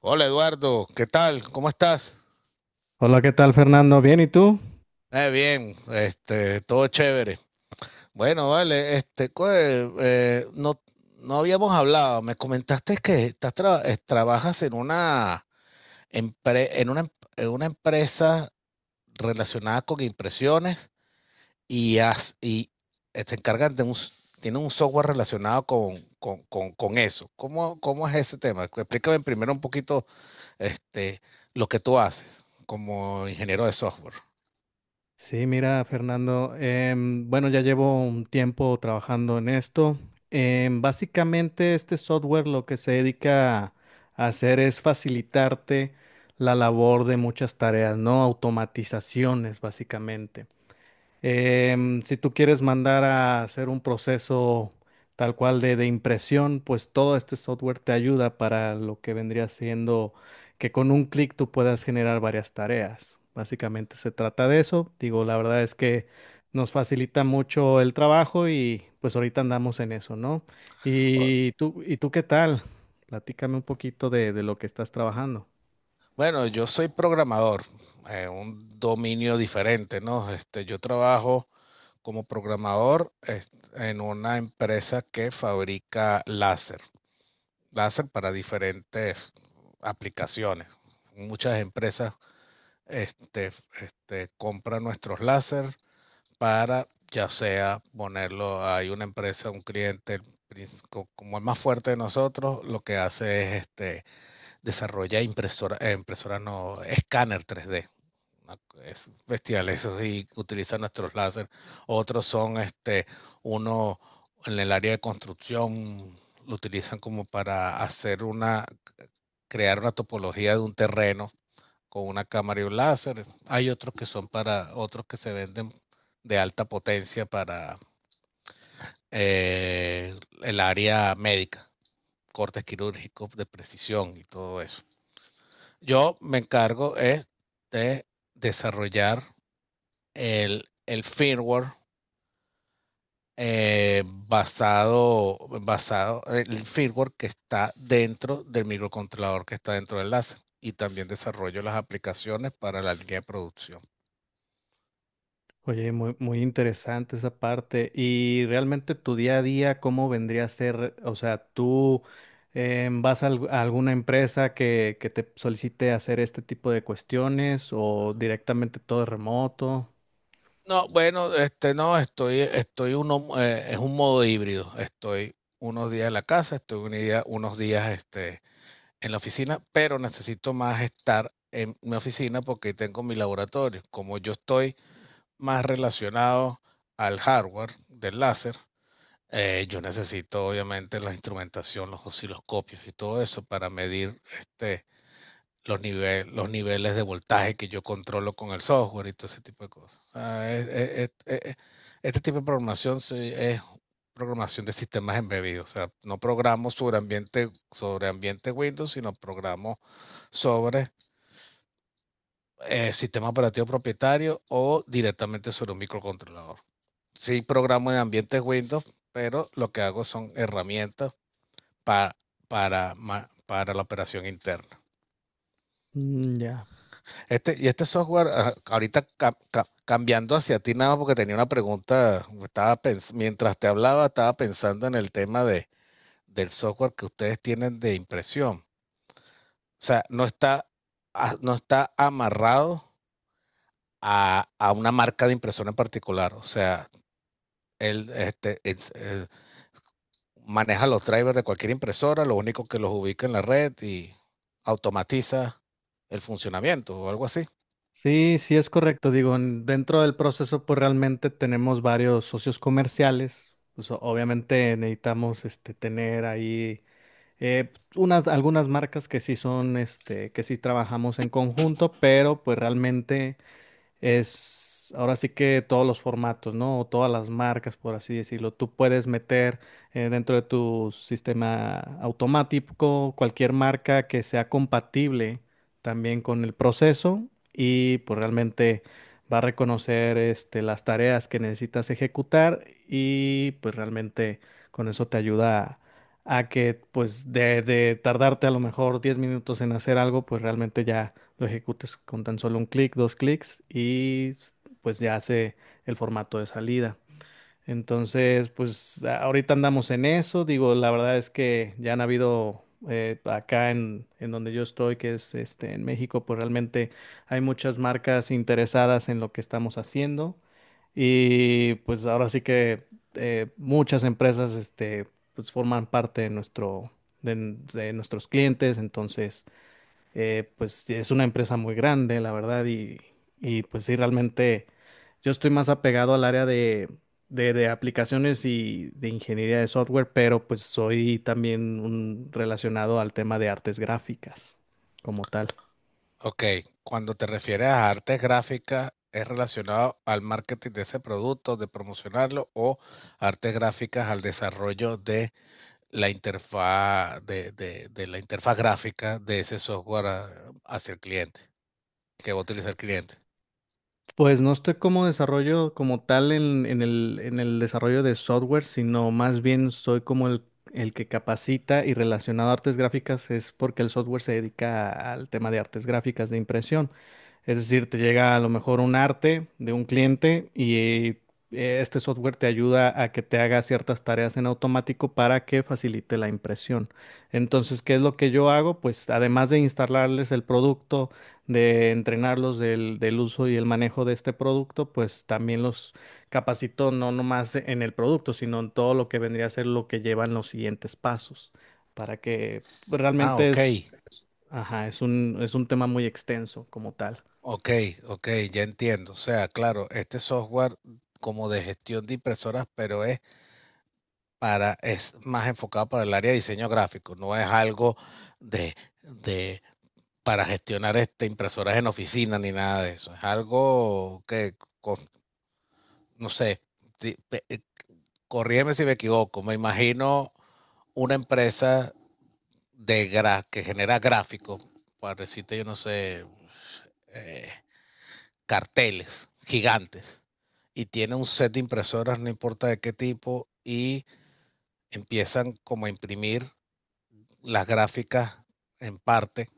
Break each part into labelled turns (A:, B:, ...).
A: Hola Eduardo, ¿qué tal? ¿Cómo estás?
B: Hola, ¿qué tal, Fernando? ¿Bien? ¿Y tú?
A: Bien, todo chévere. Bueno, vale, no, no habíamos hablado. Me comentaste que trabajas en una, empre- en una, em- en una empresa relacionada con impresiones y se encargan de tienen un software relacionado con eso. ¿ cómo es ese tema? Explícame primero un poquito, este, lo que tú haces como ingeniero de software.
B: Sí, mira, Fernando, bueno, ya llevo un tiempo trabajando en esto. Básicamente, este software lo que se dedica a hacer es facilitarte la labor de muchas tareas, ¿no? Automatizaciones, básicamente. Si tú quieres mandar a hacer un proceso tal cual de impresión, pues todo este software te ayuda para lo que vendría siendo que con un clic tú puedas generar varias tareas. Básicamente se trata de eso. Digo, la verdad es que nos facilita mucho el trabajo y pues ahorita andamos en eso, ¿no?
A: O-
B: ¿Y tú qué tal? Platícame un poquito de lo que estás trabajando.
A: Bueno, yo soy programador, un dominio diferente, ¿no? Este, yo trabajo como programador es- en una empresa que fabrica láser, láser para diferentes aplicaciones. Muchas empresas, este, compran nuestros láser para, ya sea ponerlo, hay una empresa, un cliente, como el más fuerte de nosotros, lo que hace es desarrolla impresora no, escáner 3D. Es bestial eso y utilizan nuestros láser. Otros son uno en el área de construcción, lo utilizan como para hacer una, crear una topología de un terreno con una cámara y un láser. Hay otros que son para, otros que se venden de alta potencia para eh, el área médica, cortes quirúrgicos de precisión y todo eso. Yo me encargo es de desarrollar el firmware el firmware que está dentro del microcontrolador que está dentro del láser. Y también desarrollo las aplicaciones para la línea de producción.
B: Oye, muy interesante esa parte. Y realmente tu día a día, ¿cómo vendría a ser? O sea, tú vas a, a alguna empresa que te solicite hacer este tipo de cuestiones o directamente todo es remoto.
A: No, bueno, este no, estoy uno, es un modo híbrido. Estoy unos días en la casa, estoy un día, unos días en la oficina, pero necesito más estar en mi oficina porque tengo mi laboratorio. Como yo estoy más relacionado al hardware del láser, yo necesito obviamente la instrumentación, los osciloscopios y todo eso para medir los niveles de voltaje que yo controlo con el software y todo ese tipo de cosas. O sea, es- este tipo de programación sí es programación de sistemas embebidos. O sea, no programo sobre ambiente Windows, sino programo sobre sistema operativo propietario o directamente sobre un microcontrolador. Sí programo en ambientes Windows, pero lo que hago son herramientas pa- para, para la operación interna.
B: Mm, ya.
A: Este, y este software, ah, ahorita cambiando hacia ti nada, porque tenía una pregunta, estaba mientras te hablaba, estaba pensando en el tema de, del software que ustedes tienen de impresión. O sea, no está, ah, no está amarrado a una marca de impresora en particular. O sea, él este, es- eh, maneja los drivers de cualquier impresora, lo único que los ubica en la red y automatiza el funcionamiento o algo así.
B: Sí, sí es correcto. Digo, dentro del proceso, pues realmente tenemos varios socios comerciales. Pues obviamente necesitamos este, tener ahí. Unas, algunas marcas que sí son, este, que sí trabajamos en conjunto, pero pues realmente es ahora sí que todos los formatos, ¿no? O todas las marcas, por así decirlo. Tú puedes meter dentro de tu sistema automático cualquier marca que sea compatible también con el proceso y pues realmente va a reconocer este, las tareas que necesitas ejecutar y pues realmente con eso te ayuda a que pues de tardarte a lo mejor 10 minutos en hacer algo, pues realmente ya lo ejecutes con tan solo un clic, dos clics pues ya hace el formato de salida. Entonces, pues ahorita andamos en eso. Digo, la verdad es que ya han habido acá en donde yo estoy, que es este en México, pues realmente hay muchas marcas interesadas en lo que estamos haciendo. Y pues ahora sí que muchas empresas este, pues forman parte de nuestro, de nuestros clientes. Entonces, pues es una empresa muy grande, la verdad, y pues sí, realmente yo estoy más apegado al área de, de aplicaciones y de ingeniería de software, pero pues soy también un relacionado al tema de artes gráficas como tal.
A: Ok, cuando te refieres a artes gráficas, ¿es relacionado al marketing de ese producto, de promocionarlo o artes gráficas al desarrollo de de la interfaz gráfica de ese software hacia el cliente, que va a utilizar el cliente.
B: Pues no estoy como desarrollo como tal en el desarrollo de software, sino más bien soy como el que capacita y relacionado a artes gráficas es porque el software se dedica al tema de artes gráficas de impresión. Es decir, te llega a lo mejor un arte de un cliente y este software te ayuda a que te haga ciertas tareas en automático para que facilite la impresión. Entonces, ¿qué es lo que yo hago? Pues además de instalarles el producto, de entrenarlos del, del uso y el manejo de este producto, pues también los capacito no nomás en el producto, sino en todo lo que vendría a ser lo que llevan los siguientes pasos, para que
A: Ah,
B: realmente
A: ok,
B: es, ajá, es un tema muy extenso como tal.
A: ok, ok, ya entiendo. O sea, claro, este software como de gestión de impresoras, pero es para, es más enfocado para el área de diseño gráfico, no es algo de, de para gestionar impresoras en oficina ni nada de eso. Es algo que, con- no sé, ti- eh, corrígeme si me equivoco, me imagino una empresa de gra que genera gráficos, para decirte, yo no sé, eh, carteles gigantes, y tiene un set de impresoras, no importa de qué tipo, y empiezan como a imprimir las gráficas en parte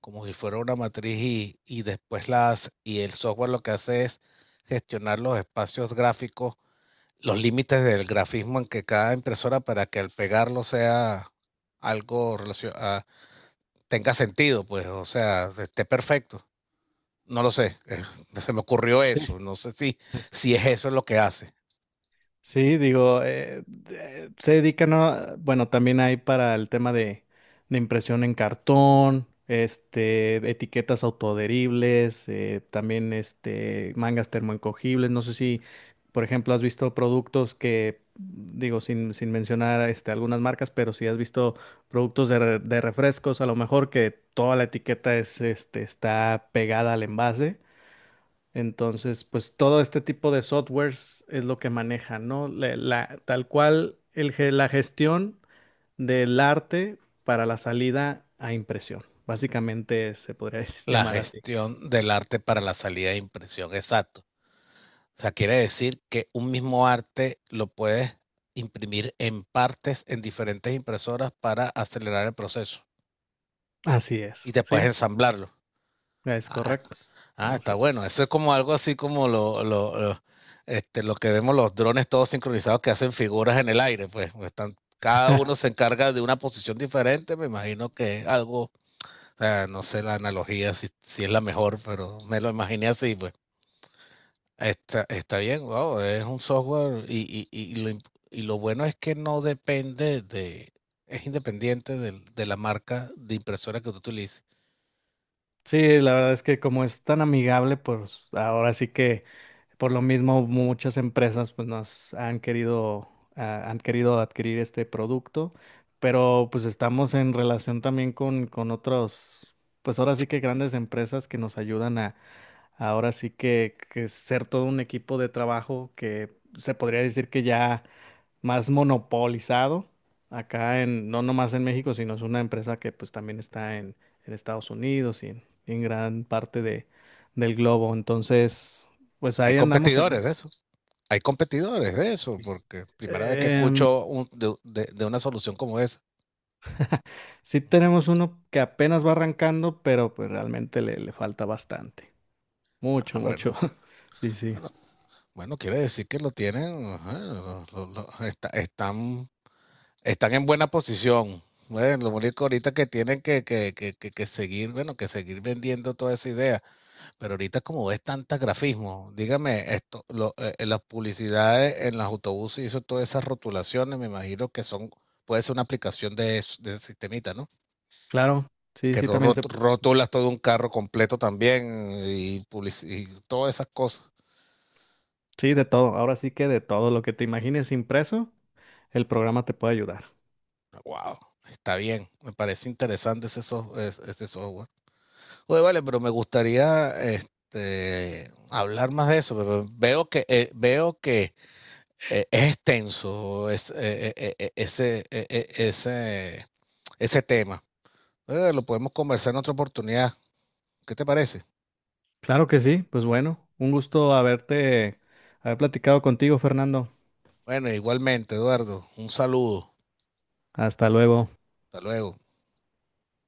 A: como si fuera una matriz y después las y el software lo que hace es gestionar los espacios gráficos, los límites del grafismo en que cada impresora para que al pegarlo sea algo tenga sentido, pues, o sea, esté perfecto. No lo sé, se me ocurrió eso, no sé si, si es eso lo que hace,
B: Sí, digo, se dedican a, bueno, también hay para el tema de impresión en cartón, este, etiquetas autoadheribles, también este, mangas termoencogibles. No sé si, por ejemplo, has visto productos que, digo, sin, sin mencionar este, algunas marcas, pero si has visto productos de refrescos, a lo mejor que toda la etiqueta es, este, está pegada al envase. Entonces, pues todo este tipo de softwares es lo que maneja, ¿no? Tal cual la gestión del arte para la salida a impresión. Básicamente se podría
A: la
B: llamar así.
A: gestión del arte para la salida de impresión, exacto. O sea, quiere decir que un mismo arte lo puedes imprimir en partes en diferentes impresoras para acelerar el proceso
B: Así
A: y
B: es,
A: después
B: ¿sí?
A: ensamblarlo.
B: Es
A: Ah,
B: correcto.
A: ah,
B: ¿No?
A: está
B: Sí.
A: bueno. Eso es como algo así como lo que vemos los drones todos sincronizados que hacen figuras en el aire, pues, están, cada uno se encarga de una posición diferente, me imagino que es algo, o sea, no sé la analogía si, si es la mejor, pero me lo imaginé así, pues. Está, está bien, wow, es un software y y lo bueno es que no depende de, es independiente la marca de impresora que tú utilices.
B: Sí, la verdad es que como es tan amigable, pues ahora sí que por lo mismo, muchas empresas pues nos han querido, ah, han querido adquirir este producto, pero pues estamos en relación también con otros, pues ahora sí que grandes empresas que nos ayudan a, ahora sí que ser todo un equipo de trabajo que se podría decir que ya más monopolizado acá en, no nomás en México, sino es una empresa que pues también está en Estados Unidos y en gran parte de, del globo. Entonces, pues
A: Hay
B: ahí andamos en...
A: competidores de eso, hay competidores de eso, porque primera vez que
B: Em,
A: escucho de una solución como esa.
B: sí tenemos uno que apenas va arrancando, pero pues realmente le, le falta bastante. Mucho,
A: Ah,
B: mucho. Sí, sí.
A: bueno, bueno, quiere decir que lo tienen, ajá, están, están en buena posición. Bueno, lo único ahorita que tienen que seguir, bueno, que seguir vendiendo toda esa idea. Pero ahorita como ves tanta grafismo, dígame esto, las publicidades en los autobuses y eso, todas esas rotulaciones, me imagino que son, puede ser una aplicación de, de ese sistemita, ¿no?
B: Claro. Sí,
A: Que
B: sí, también se...
A: rotulas todo un carro completo también y, y todas esas cosas.
B: Sí, de todo. Ahora sí que de todo lo que te imagines impreso, el programa te puede ayudar.
A: Wow, está bien, me parece interesante ese, ese software. Oye, vale, pero me gustaría hablar más de eso. Pero veo que, veo que es extenso es, eh, eh, eh, ese, eh, eh, ese, ese tema. Lo podemos conversar en otra oportunidad. ¿Qué te parece?
B: Claro que sí, pues bueno, un gusto haberte, haber platicado contigo, Fernando.
A: Bueno, igualmente, Eduardo, un saludo.
B: Hasta luego.
A: Hasta luego.